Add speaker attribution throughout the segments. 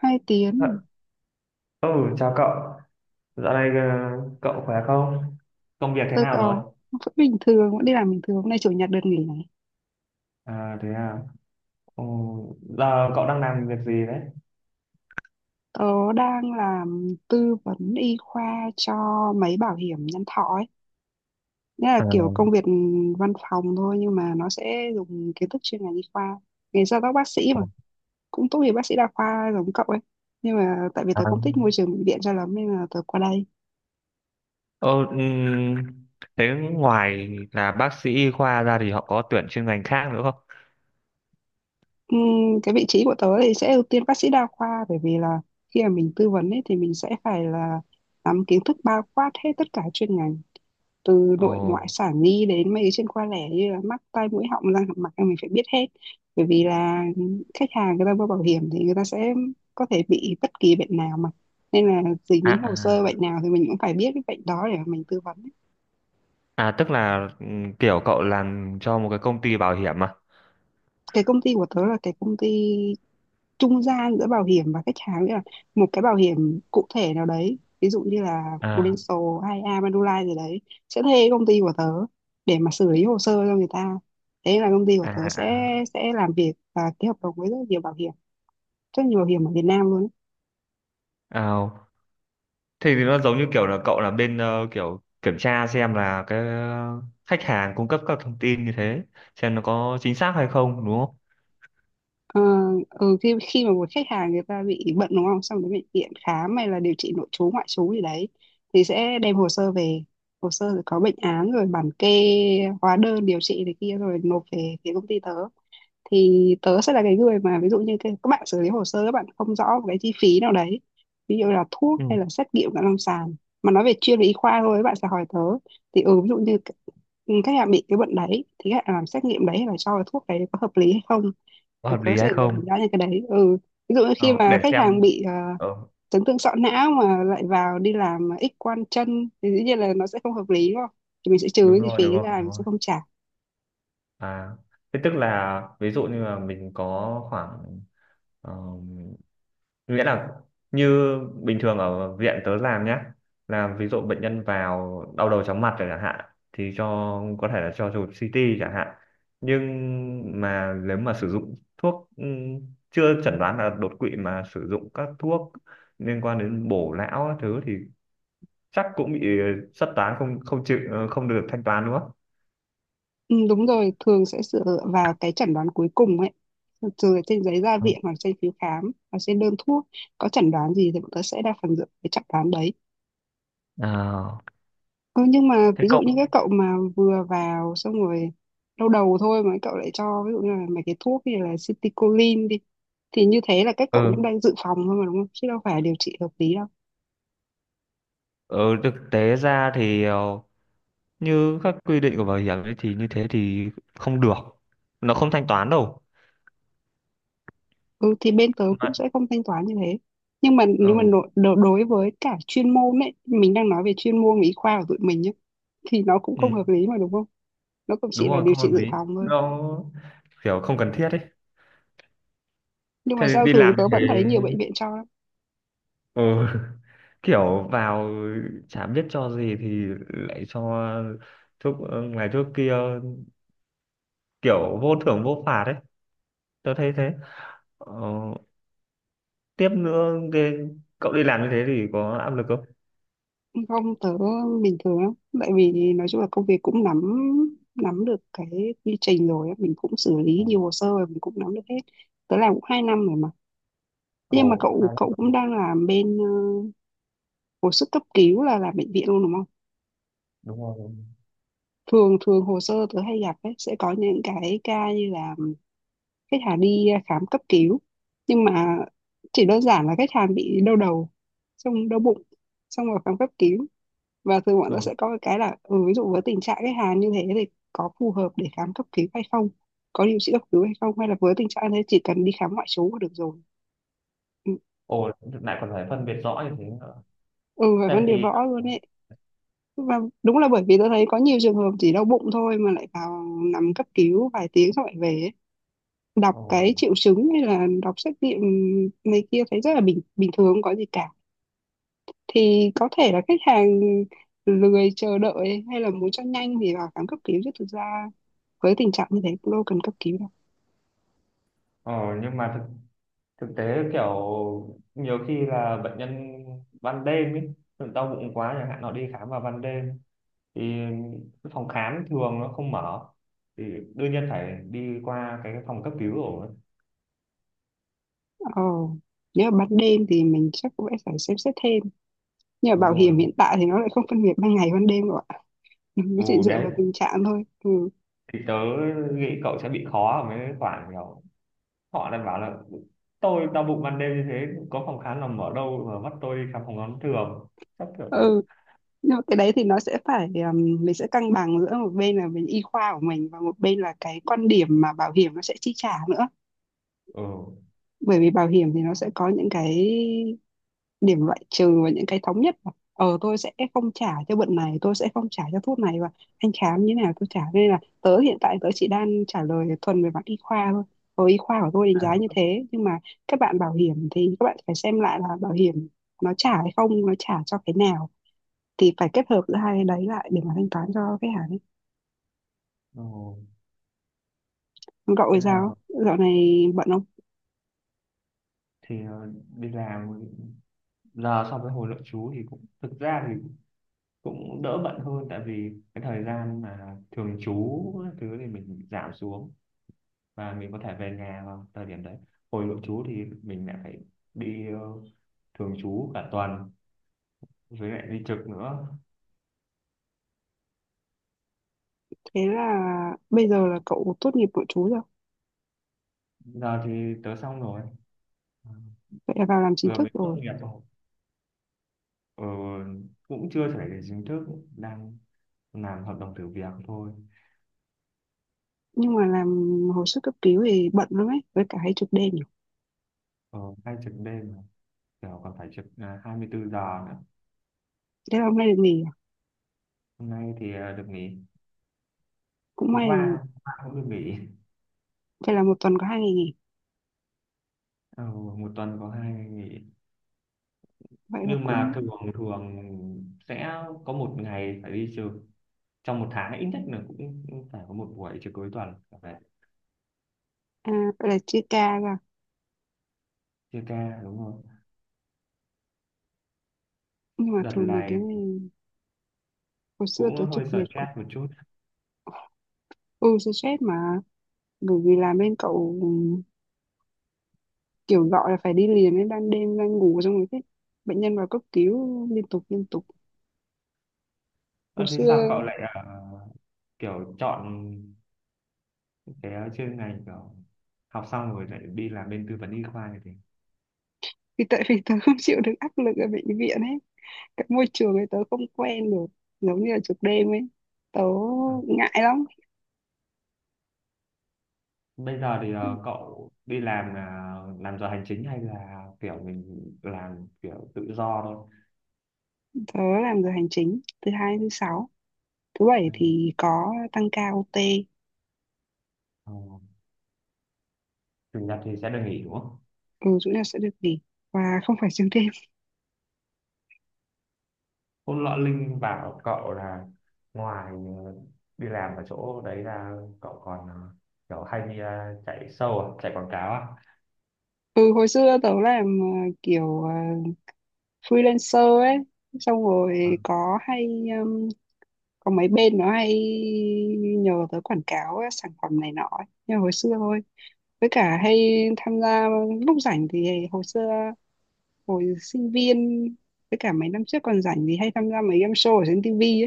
Speaker 1: hai
Speaker 2: Ờ.
Speaker 1: tiếng
Speaker 2: Ừ. Chào cậu. Dạo này cậu khỏe không? Công việc thế
Speaker 1: tôi
Speaker 2: nào rồi?
Speaker 1: có vẫn bình thường vẫn đi làm bình thường hôm nay chủ nhật được nghỉ này.
Speaker 2: À, thế à. Ừ, giờ cậu đang làm việc gì đấy?
Speaker 1: Tớ đang làm tư vấn y khoa cho mấy bảo hiểm nhân thọ ấy, nghĩa là
Speaker 2: À,
Speaker 1: kiểu công việc văn phòng thôi nhưng mà nó sẽ dùng kiến thức chuyên ngành y khoa, nghề gia tóc bác sĩ mà, cũng tốt nghiệp bác sĩ đa khoa giống cậu ấy, nhưng mà tại vì
Speaker 2: à.
Speaker 1: tớ không thích môi trường bệnh viện cho lắm nên là tớ qua đây.
Speaker 2: Ờ, ừm, thế ngoài là bác sĩ y khoa ra thì họ có tuyển chuyên ngành khác nữa không?
Speaker 1: Ừm, cái vị trí của tớ thì sẽ ưu tiên bác sĩ đa khoa bởi vì là khi mà mình tư vấn ấy thì mình sẽ phải là nắm kiến thức bao quát hết tất cả chuyên ngành, từ
Speaker 2: Ồ,
Speaker 1: nội ngoại sản nhi đến mấy cái chuyên khoa lẻ như là mắt tai mũi họng răng hàm mặt là mình phải biết hết, bởi vì là khách hàng người ta mua bảo hiểm thì người ta sẽ có thể bị bất kỳ bệnh nào mà, nên là dính
Speaker 2: à,
Speaker 1: đến hồ sơ
Speaker 2: à,
Speaker 1: bệnh nào thì mình cũng phải biết cái bệnh đó để mà mình tư vấn.
Speaker 2: à tức là kiểu cậu làm cho một cái công ty bảo hiểm à?
Speaker 1: Cái công ty của tớ là cái công ty trung gian giữa bảo hiểm và khách hàng, nghĩa là một cái bảo hiểm cụ thể nào đấy ví dụ như là
Speaker 2: À,
Speaker 1: Prudential hay A Manulife gì đấy sẽ thuê công ty của tớ để mà xử lý hồ sơ cho người ta, thế là công ty của
Speaker 2: à,
Speaker 1: tớ sẽ
Speaker 2: à.
Speaker 1: sẽ làm việc và ký hợp đồng với rất nhiều bảo hiểm ở Việt Nam luôn ấy.
Speaker 2: À. Thế thì nó giống như kiểu là cậu là bên kiểu kiểm tra xem là cái khách hàng cung cấp các thông tin như thế, xem nó có chính xác hay không đúng không?
Speaker 1: Ờ, ừ, khi khi mà một khách hàng người ta bị bệnh đúng không, xong đến bệnh viện khám hay là điều trị nội trú ngoại trú gì đấy thì sẽ đem hồ sơ về, hồ sơ rồi có bệnh án rồi bản kê hóa đơn điều trị này kia rồi nộp về phía công ty tớ, thì tớ sẽ là cái người mà ví dụ như cái, các bạn xử lý hồ sơ các bạn không rõ một cái chi phí nào đấy, ví dụ là thuốc
Speaker 2: Ừ.
Speaker 1: hay là xét nghiệm cận lâm sàng, mà nói về chuyên về y khoa thôi các bạn sẽ hỏi tớ, thì ví dụ như khách hàng bị cái bệnh đấy thì khách hàng làm xét nghiệm đấy hay là cho cái thuốc đấy có hợp lý hay không,
Speaker 2: Có
Speaker 1: thì
Speaker 2: hợp
Speaker 1: tớ
Speaker 2: lý
Speaker 1: sẽ
Speaker 2: hay
Speaker 1: là người đánh
Speaker 2: không?
Speaker 1: giá những cái đấy, ừ, ví dụ như khi
Speaker 2: Ờ,
Speaker 1: mà
Speaker 2: để
Speaker 1: khách hàng
Speaker 2: xem.
Speaker 1: bị
Speaker 2: Ờ,
Speaker 1: chấn thương sọ não mà lại vào đi làm X quang chân thì dĩ nhiên là nó sẽ không hợp lý đúng không, thì mình sẽ trừ
Speaker 2: đúng
Speaker 1: cái chi
Speaker 2: rồi, đúng
Speaker 1: phí
Speaker 2: rồi,
Speaker 1: ra
Speaker 2: đúng
Speaker 1: mình
Speaker 2: rồi.
Speaker 1: sẽ không trả.
Speaker 2: À, thế tức là ví dụ như là mình có khoảng, nghĩa là như bình thường ở viện tớ làm nhá, là ví dụ bệnh nhân vào đau đầu chóng mặt rồi chẳng hạn thì cho, có thể là cho chụp CT chẳng hạn, nhưng mà nếu mà sử dụng thuốc, chưa chẩn đoán là đột quỵ mà sử dụng các thuốc liên quan đến bổ lão các thứ thì chắc cũng bị xuất toán, không không chịu, không được thanh toán đúng không.
Speaker 1: Ừ, đúng rồi, thường sẽ dựa vào cái chẩn đoán cuối cùng ấy. Từ trên giấy ra viện hoặc trên phiếu khám hoặc trên đơn thuốc có chẩn đoán gì thì bọn tớ sẽ đa phần dựa vào cái chẩn đoán đấy.
Speaker 2: Ờ,
Speaker 1: Ừ, nhưng mà
Speaker 2: thế
Speaker 1: ví dụ như
Speaker 2: cậu
Speaker 1: các cậu mà vừa vào xong rồi lâu đầu thôi mà các cậu lại cho ví dụ như là mấy cái thuốc như là citicoline đi, thì như thế là các cậu cũng
Speaker 2: ừ,
Speaker 1: đang dự phòng thôi mà đúng không? Chứ đâu phải điều trị hợp lý đâu.
Speaker 2: ừ thực tế ra thì như các quy định của bảo hiểm ấy thì như thế thì không được, nó không thanh toán đâu
Speaker 1: Ừ thì bên tớ
Speaker 2: mà.
Speaker 1: cũng sẽ không thanh toán như thế. Nhưng mà nếu mà
Speaker 2: Ừ,
Speaker 1: đối với cả chuyên môn ấy, mình đang nói về chuyên môn y khoa của tụi mình nhé, thì nó cũng
Speaker 2: ừ,
Speaker 1: không hợp lý mà đúng không? Nó cũng chỉ
Speaker 2: đúng
Speaker 1: là
Speaker 2: rồi,
Speaker 1: điều
Speaker 2: không
Speaker 1: trị
Speaker 2: hợp
Speaker 1: dự
Speaker 2: lý,
Speaker 1: phòng thôi.
Speaker 2: nó kiểu không cần thiết ấy.
Speaker 1: Nhưng
Speaker 2: Thế
Speaker 1: mà
Speaker 2: thì
Speaker 1: sao
Speaker 2: đi
Speaker 1: thường
Speaker 2: làm như
Speaker 1: tớ
Speaker 2: thế,
Speaker 1: vẫn thấy nhiều bệnh viện cho lắm.
Speaker 2: ừ, kiểu vào chả biết cho gì thì lại cho thuốc, ngày thuốc kia, kiểu vô thưởng vô phạt ấy, tôi thấy thế. Ờ, tiếp nữa cái, cậu đi làm như thế thì có áp lực không?
Speaker 1: Không, tớ bình thường lắm. Tại vì nói chung là công việc cũng nắm nắm được cái quy trình rồi, á, mình cũng xử lý nhiều hồ sơ rồi, mình cũng nắm được hết. Tớ làm cũng 2 năm rồi mà. Nhưng mà
Speaker 2: Ồ,
Speaker 1: cậu
Speaker 2: hay
Speaker 1: cậu
Speaker 2: lắm.
Speaker 1: cũng đang làm bên hồi sức cấp cứu là làm bệnh viện luôn đúng không?
Speaker 2: Đúng rồi. Đúng
Speaker 1: Thường thường hồ sơ tớ hay gặp ấy, sẽ có những cái ca như là khách hàng đi khám cấp cứu nhưng mà chỉ đơn giản là khách hàng bị đau đầu, xong đau bụng, xong rồi khám cấp cứu, và thường bọn tớ
Speaker 2: rồi. Ừ.
Speaker 1: sẽ có cái là ừ, ví dụ với tình trạng khách hàng như thế thì có phù hợp để khám cấp cứu hay không, có điều trị cấp cứu hay không, hay là với tình trạng thế chỉ cần đi khám ngoại trú là được rồi, ừ,
Speaker 2: Ồ, lại còn phải phân biệt rõ như thế.
Speaker 1: ừ, phải
Speaker 2: Tại
Speaker 1: vấn đề
Speaker 2: vì
Speaker 1: võ luôn ấy, và đúng là bởi vì tôi thấy có nhiều trường hợp chỉ đau bụng thôi mà lại vào nằm cấp cứu vài tiếng xong lại về ấy, đọc
Speaker 2: ờ,
Speaker 1: cái triệu chứng hay là đọc xét nghiệm này kia thấy rất là bình bình thường không có gì cả, thì có thể là khách hàng lười chờ đợi hay là muốn cho nhanh thì vào khám cấp cứu chứ thực ra với tình trạng như thế cũng đâu cần cấp cứu đâu.
Speaker 2: ờ, nhưng mà thực thực tế kiểu nhiều khi là bệnh nhân ban đêm ấy tự đau bụng quá chẳng hạn, họ đi khám vào ban đêm thì cái phòng khám thường nó không mở thì đương nhiên phải đi qua cái phòng cấp cứu rồi,
Speaker 1: Ờ nếu mà ban đêm thì mình chắc cũng sẽ phải xem xét thêm, nhưng mà
Speaker 2: đúng
Speaker 1: bảo
Speaker 2: rồi
Speaker 1: hiểm
Speaker 2: đúng
Speaker 1: hiện
Speaker 2: không?
Speaker 1: tại thì nó lại không phân biệt ban ngày ban đêm rồi ạ. Mình
Speaker 2: Ừ,
Speaker 1: chỉ dựa
Speaker 2: đấy,
Speaker 1: vào tình trạng thôi, ừ,
Speaker 2: thì tớ nghĩ cậu sẽ bị khó ở mấy khoản kiểu họ đang bảo là tôi đau bụng ban đêm như thế có phòng khám nào mở đâu mà bắt tôi đi khám phòng khám thường, chắc kiểu thế.
Speaker 1: ừ, nhưng mà cái đấy thì nó sẽ phải mình sẽ cân bằng giữa một bên là bên y khoa của mình và một bên là cái quan điểm mà bảo hiểm nó sẽ chi trả nữa,
Speaker 2: Ừ,
Speaker 1: bởi vì bảo hiểm thì nó sẽ có những cái điểm loại trừ và những cái thống nhất mà. Ờ tôi sẽ không trả cho bệnh này tôi sẽ không trả cho thuốc này và anh khám như thế nào tôi trả, nên là tớ hiện tại tớ chỉ đang trả lời thuần về mặt y khoa thôi, y khoa của tôi đánh giá như thế, nhưng mà các bạn bảo hiểm thì các bạn phải xem lại là bảo hiểm nó trả hay không nó trả cho cái nào, thì phải kết hợp giữa hai cái đấy lại để mà thanh toán cho khách hàng ấy.
Speaker 2: ừ.
Speaker 1: Còn cậu thì
Speaker 2: Thế
Speaker 1: sao
Speaker 2: nào
Speaker 1: dạo này bận không?
Speaker 2: thì đi làm giờ so với hồi nội trú thì cũng, thực ra thì cũng đỡ bận hơn, tại vì cái thời gian mà thường trú các thứ thì mình giảm xuống và mình có thể về nhà vào thời điểm đấy, hồi nội trú thì mình lại phải đi thường trú cả tuần, với lại đi trực nữa.
Speaker 1: Thế là bây giờ là cậu tốt nghiệp nội trú rồi,
Speaker 2: Giờ thì tớ xong rồi,
Speaker 1: vậy là vào làm chính
Speaker 2: vừa
Speaker 1: thức
Speaker 2: mới tốt
Speaker 1: rồi.
Speaker 2: nghiệp rồi. Ờ, cũng chưa phải là chính thức, đang làm hợp đồng thử việc thôi.
Speaker 1: Nhưng mà làm hồi sức cấp cứu thì bận lắm ấy, với cả hay trực đêm nhiều.
Speaker 2: Ờ, hay trực đêm mà, kiểu còn phải trực 24 giờ nữa.
Speaker 1: Thế là hôm nay được nghỉ à?
Speaker 2: Hôm nay thì được nghỉ,
Speaker 1: Cũng
Speaker 2: hôm
Speaker 1: may là
Speaker 2: qua hôm qua cũng được nghỉ.
Speaker 1: phải là một tuần có 2 ngày nghỉ,
Speaker 2: Ờ, một tuần có 2 ngày nghỉ,
Speaker 1: vậy là
Speaker 2: nhưng
Speaker 1: cũng.
Speaker 2: mà thường, thường sẽ có một ngày phải đi trực, trong một tháng ít nhất là cũng cũng phải có một buổi trực cuối tuần là phải,
Speaker 1: À, vậy là chia ca ra,
Speaker 2: chia ca đúng không.
Speaker 1: nhưng mà
Speaker 2: Đợt
Speaker 1: thường mấy cái
Speaker 2: này
Speaker 1: này hồi xưa tôi
Speaker 2: cũng
Speaker 1: trực
Speaker 2: hơi
Speaker 1: mệt cực,
Speaker 2: stress một chút.
Speaker 1: ừ tôi stress mà, bởi vì làm bên cậu kiểu gọi là phải đi liền ấy, ban đêm đang ngủ xong rồi thế bệnh nhân vào cấp cứu liên tục liên tục. Hồi
Speaker 2: Ơ, thế
Speaker 1: xưa
Speaker 2: sao cậu lại kiểu chọn cái chuyên ngành kiểu học xong rồi lại đi làm bên tư vấn y khoa như thế?
Speaker 1: vì tại vì tớ không chịu được áp lực ở bệnh viện ấy, cái môi trường ấy tớ không quen được, giống như là trực đêm ấy tớ
Speaker 2: À.
Speaker 1: ngại lắm.
Speaker 2: Bây giờ thì cậu đi làm là làm giờ hành chính hay là kiểu mình làm kiểu tự do thôi?
Speaker 1: Tớ làm giờ hành chính thứ hai đến thứ sáu. Thứ bảy
Speaker 2: Ừ.
Speaker 1: thì có tăng ca OT.
Speaker 2: Ờ, Chủ nhật thì sẽ được nghỉ đúng không?
Speaker 1: Ừ, chủ nhật sẽ được nghỉ và không phải xuyên đêm.
Speaker 2: Hôm nọ Linh bảo cậu là ngoài ờ, đi làm ở chỗ đấy là cậu còn kiểu hay đi chạy show à, chạy quảng cáo à?
Speaker 1: Ừ, hồi xưa tớ làm kiểu freelancer ấy. Xong
Speaker 2: À,
Speaker 1: rồi có hay um, có mấy bên nó hay nhờ tớ quảng cáo ấy, sản phẩm này nọ ấy. Nhưng mà hồi xưa thôi. Với cả hay tham gia lúc rảnh thì hồi xưa, hồi sinh viên, với cả mấy năm trước còn rảnh thì hay tham gia mấy game show ở trên TV.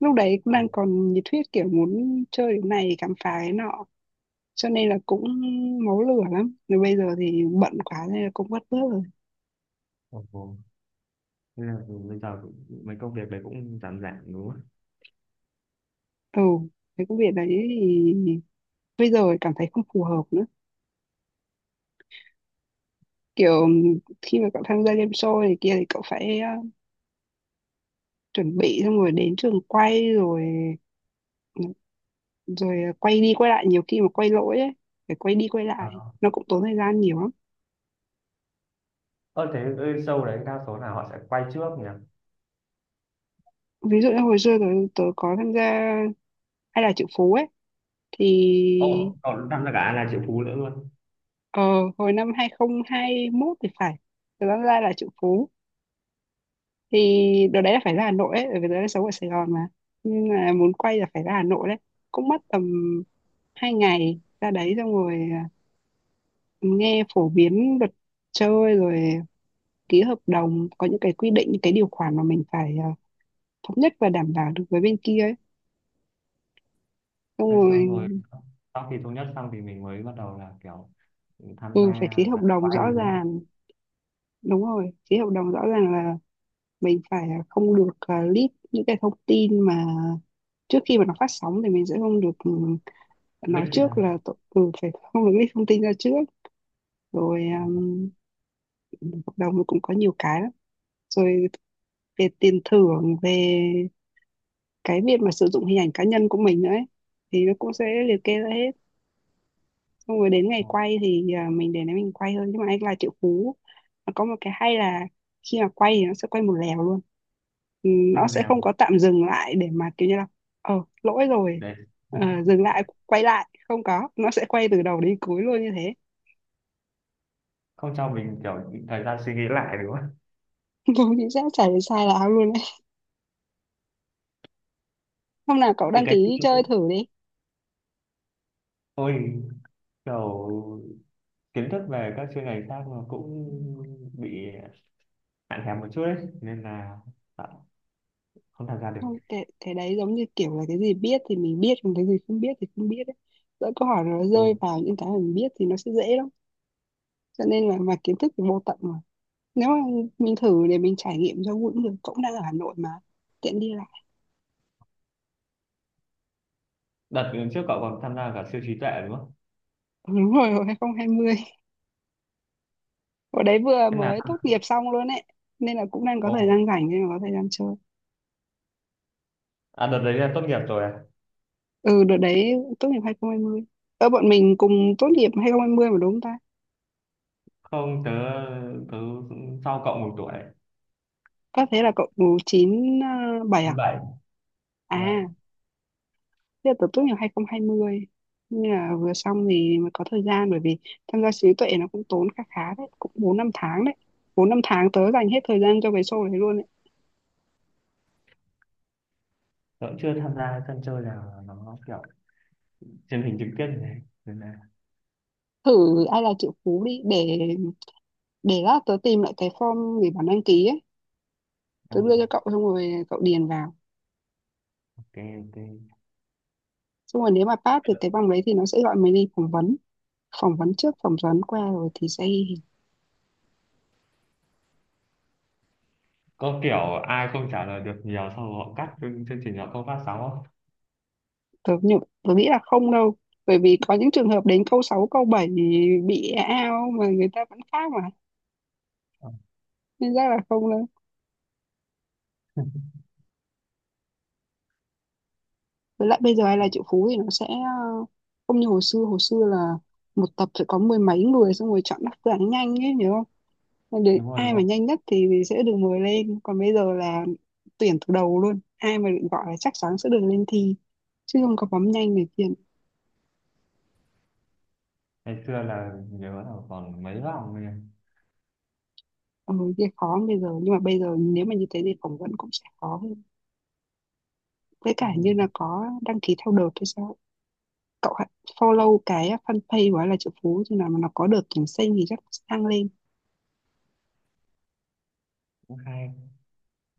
Speaker 1: Lúc đấy cũng đang còn nhiệt huyết, kiểu muốn chơi cái này khám phá cái nọ, cho nên là cũng máu lửa lắm. Rồi bây giờ thì bận quá nên là cũng vất vớt rồi.
Speaker 2: ồ, ồ. Thế là bây giờ mấy công việc đấy cũng giảm giảm đúng không?
Speaker 1: Ừ, cái công việc đấy thì bây giờ cảm thấy không phù hợp nữa. Kiểu khi mà cậu tham gia game show này kia thì cậu phải chuẩn bị, xong rồi đến trường quay, rồi rồi quay đi quay lại, nhiều khi mà quay lỗi ấy, phải quay đi quay
Speaker 2: À.
Speaker 1: lại
Speaker 2: Ờ,
Speaker 1: nó cũng tốn thời gian nhiều lắm.
Speaker 2: thế ơi, show đấy đa số là họ sẽ quay trước nhỉ?
Speaker 1: Ví dụ như hồi xưa tớ có tham gia hay là Triệu Phú ấy, thì
Speaker 2: Ồ, cậu tham gia cả là triệu phú nữa luôn.
Speaker 1: ờ, hồi năm 2021 thì phải. Từ Văn Lai Là Triệu Phú thì đợt đấy là phải ra Hà Nội ấy, bởi vì đợt đấy sống ở Sài Gòn mà. Nhưng mà muốn quay là phải ra Hà Nội đấy. Cũng mất tầm 2 ngày ra đấy, xong rồi nghe phổ biến luật chơi, rồi ký hợp đồng. Có những cái quy định, những cái điều khoản mà mình phải, thống nhất và đảm bảo được với bên kia ấy. Xong
Speaker 2: Thế
Speaker 1: rồi
Speaker 2: xong rồi sau khi thống nhất xong thì mình mới bắt đầu là kiểu tham
Speaker 1: ừ, phải
Speaker 2: gia
Speaker 1: ký hợp
Speaker 2: và
Speaker 1: đồng
Speaker 2: quay
Speaker 1: rõ
Speaker 2: đúng không?
Speaker 1: ràng. Đúng rồi, ký hợp đồng rõ ràng, mình phải, không được, leak những cái thông tin mà trước khi mà nó phát sóng thì mình sẽ không được,
Speaker 2: Lick
Speaker 1: nói
Speaker 2: vậy
Speaker 1: trước
Speaker 2: ra.
Speaker 1: là phải không được leak thông tin ra trước. Rồi
Speaker 2: Ồ,
Speaker 1: hợp đồng cũng có nhiều cái lắm, rồi về tiền thưởng, về cái việc mà sử dụng hình ảnh cá nhân của mình nữa ấy, thì nó cũng sẽ liệt kê ra hết. Xong rồi đến ngày
Speaker 2: ồ.
Speaker 1: quay thì mình để đấy mình quay thôi. Nhưng mà anh là Triệu Phú nó có một cái hay là khi mà quay thì nó sẽ quay một lèo luôn. Ừ,
Speaker 2: Thế
Speaker 1: nó
Speaker 2: là
Speaker 1: sẽ không
Speaker 2: nào?
Speaker 1: có tạm dừng lại để mà kiểu như là ờ lỗi rồi,
Speaker 2: Để
Speaker 1: ờ, dừng lại quay lại, không có, nó sẽ quay từ đầu đến cuối luôn như thế.
Speaker 2: không cho mình kiểu thời gian suy nghĩ lại đúng không?
Speaker 1: Đúng, chính xác, chả để sai là ao luôn đấy. Hôm nào cậu
Speaker 2: Từ
Speaker 1: đăng
Speaker 2: cái
Speaker 1: ký chơi thử đi.
Speaker 2: ôi kiểu kiến thức về các chuyên ngành khác mà cũng bị hạn hẹp một chút ấy nên là tạo- không tham gia được.
Speaker 1: Không, cái đấy giống như kiểu là cái gì biết thì mình biết, còn cái gì không biết thì không biết đấy. Lỡ câu hỏi nó rơi
Speaker 2: Ừ.
Speaker 1: vào những cái mình biết thì nó sẽ dễ lắm. Cho nên là mà kiến thức thì vô tận mà, nếu mà mình thử để mình trải nghiệm cho cũng được, cũng đang ở Hà Nội mà, tiện đi lại.
Speaker 2: Đợt trước cậu còn tham gia cả siêu trí tuệ đúng không?
Speaker 1: Đúng rồi, hồi 2020 ở đấy vừa
Speaker 2: Thế là
Speaker 1: mới tốt nghiệp xong luôn ấy, nên là cũng đang có
Speaker 2: ồ
Speaker 1: thời gian rảnh nên là có thời gian chơi.
Speaker 2: à, đợt đấy là tốt nghiệp rồi à?
Speaker 1: Ừ, đợt đấy tốt nghiệp 2020. Ơ, bọn mình cùng tốt nghiệp 2020 mà, đúng không ta?
Speaker 2: Không, tớ tớ sau cậu một tuổi.
Speaker 1: Có, thế là cậu 97 à?
Speaker 2: 97
Speaker 1: À,
Speaker 2: yeah.
Speaker 1: thế là tớ tốt nghiệp 2020, nhưng là vừa xong thì mới có thời gian, bởi vì tham gia trí tuệ nó cũng tốn khá khá đấy, cũng 4 5 tháng đấy. 4 5 tháng tớ dành hết thời gian cho cái show đấy luôn.
Speaker 2: Tớ cũng chưa tham gia sân chơi nào nó kiểu truyền hình trực tiếp như thế nên là,
Speaker 1: Thử Ai Là Triệu Phú đi, để lát tớ tìm lại cái form để bản đăng ký ấy,
Speaker 2: ừ,
Speaker 1: tớ đưa cho cậu xong rồi cậu điền vào.
Speaker 2: ok ok.
Speaker 1: Xong rồi nếu mà pass thì cái bằng đấy thì nó sẽ gọi mình đi phỏng vấn. Phỏng vấn trước, phỏng vấn qua rồi thì sẽ
Speaker 2: Có kiểu ai không trả lời được nhiều sau họ cắt chương chương trình họ không phát sóng không?
Speaker 1: tớ nghĩ là không đâu, bởi vì có những trường hợp đến câu 6 câu 7 bị e ao mà người ta vẫn khác mà,
Speaker 2: Ờ,
Speaker 1: nên chắc là không đâu. Với lại bây giờ Ai Là Triệu Phú thì nó sẽ không như hồi xưa. Hồi xưa là một tập sẽ có mười mấy người, xong rồi chọn đáp án nhanh ấy nhớ. Còn đến
Speaker 2: đúng rồi đúng
Speaker 1: ai mà
Speaker 2: rồi.
Speaker 1: nhanh nhất thì sẽ được mời lên. Còn bây giờ là tuyển từ đầu luôn, ai mà được gọi là chắc chắn sẽ được lên thi, chứ không có bấm nhanh này kia.
Speaker 2: Ngày xưa là nhớ là còn mấy vòng rồi nhỉ?
Speaker 1: Ừ, kia khó bây giờ, nhưng mà bây giờ nếu mà như thế thì phỏng vấn cũng sẽ khó hơn, với cả
Speaker 2: Ừ,
Speaker 1: như là có đăng ký theo đợt hay sao. Cậu hãy follow cái fanpage của Là Triệu Phú, thì nào mà nó có đợt tuyển sinh thì chắc sẽ đăng lên.
Speaker 2: cũng hay,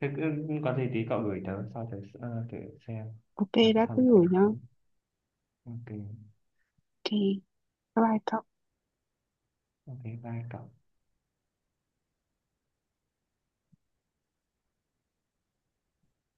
Speaker 2: thế cứ có gì tí cậu gửi tớ sau tớ thử xem
Speaker 1: Ok,
Speaker 2: tớ có
Speaker 1: đã,
Speaker 2: tham
Speaker 1: cứ
Speaker 2: gia
Speaker 1: gửi
Speaker 2: được
Speaker 1: nhá.
Speaker 2: không. Ok,
Speaker 1: Ok, bye bye cậu.
Speaker 2: ok, bye cậu.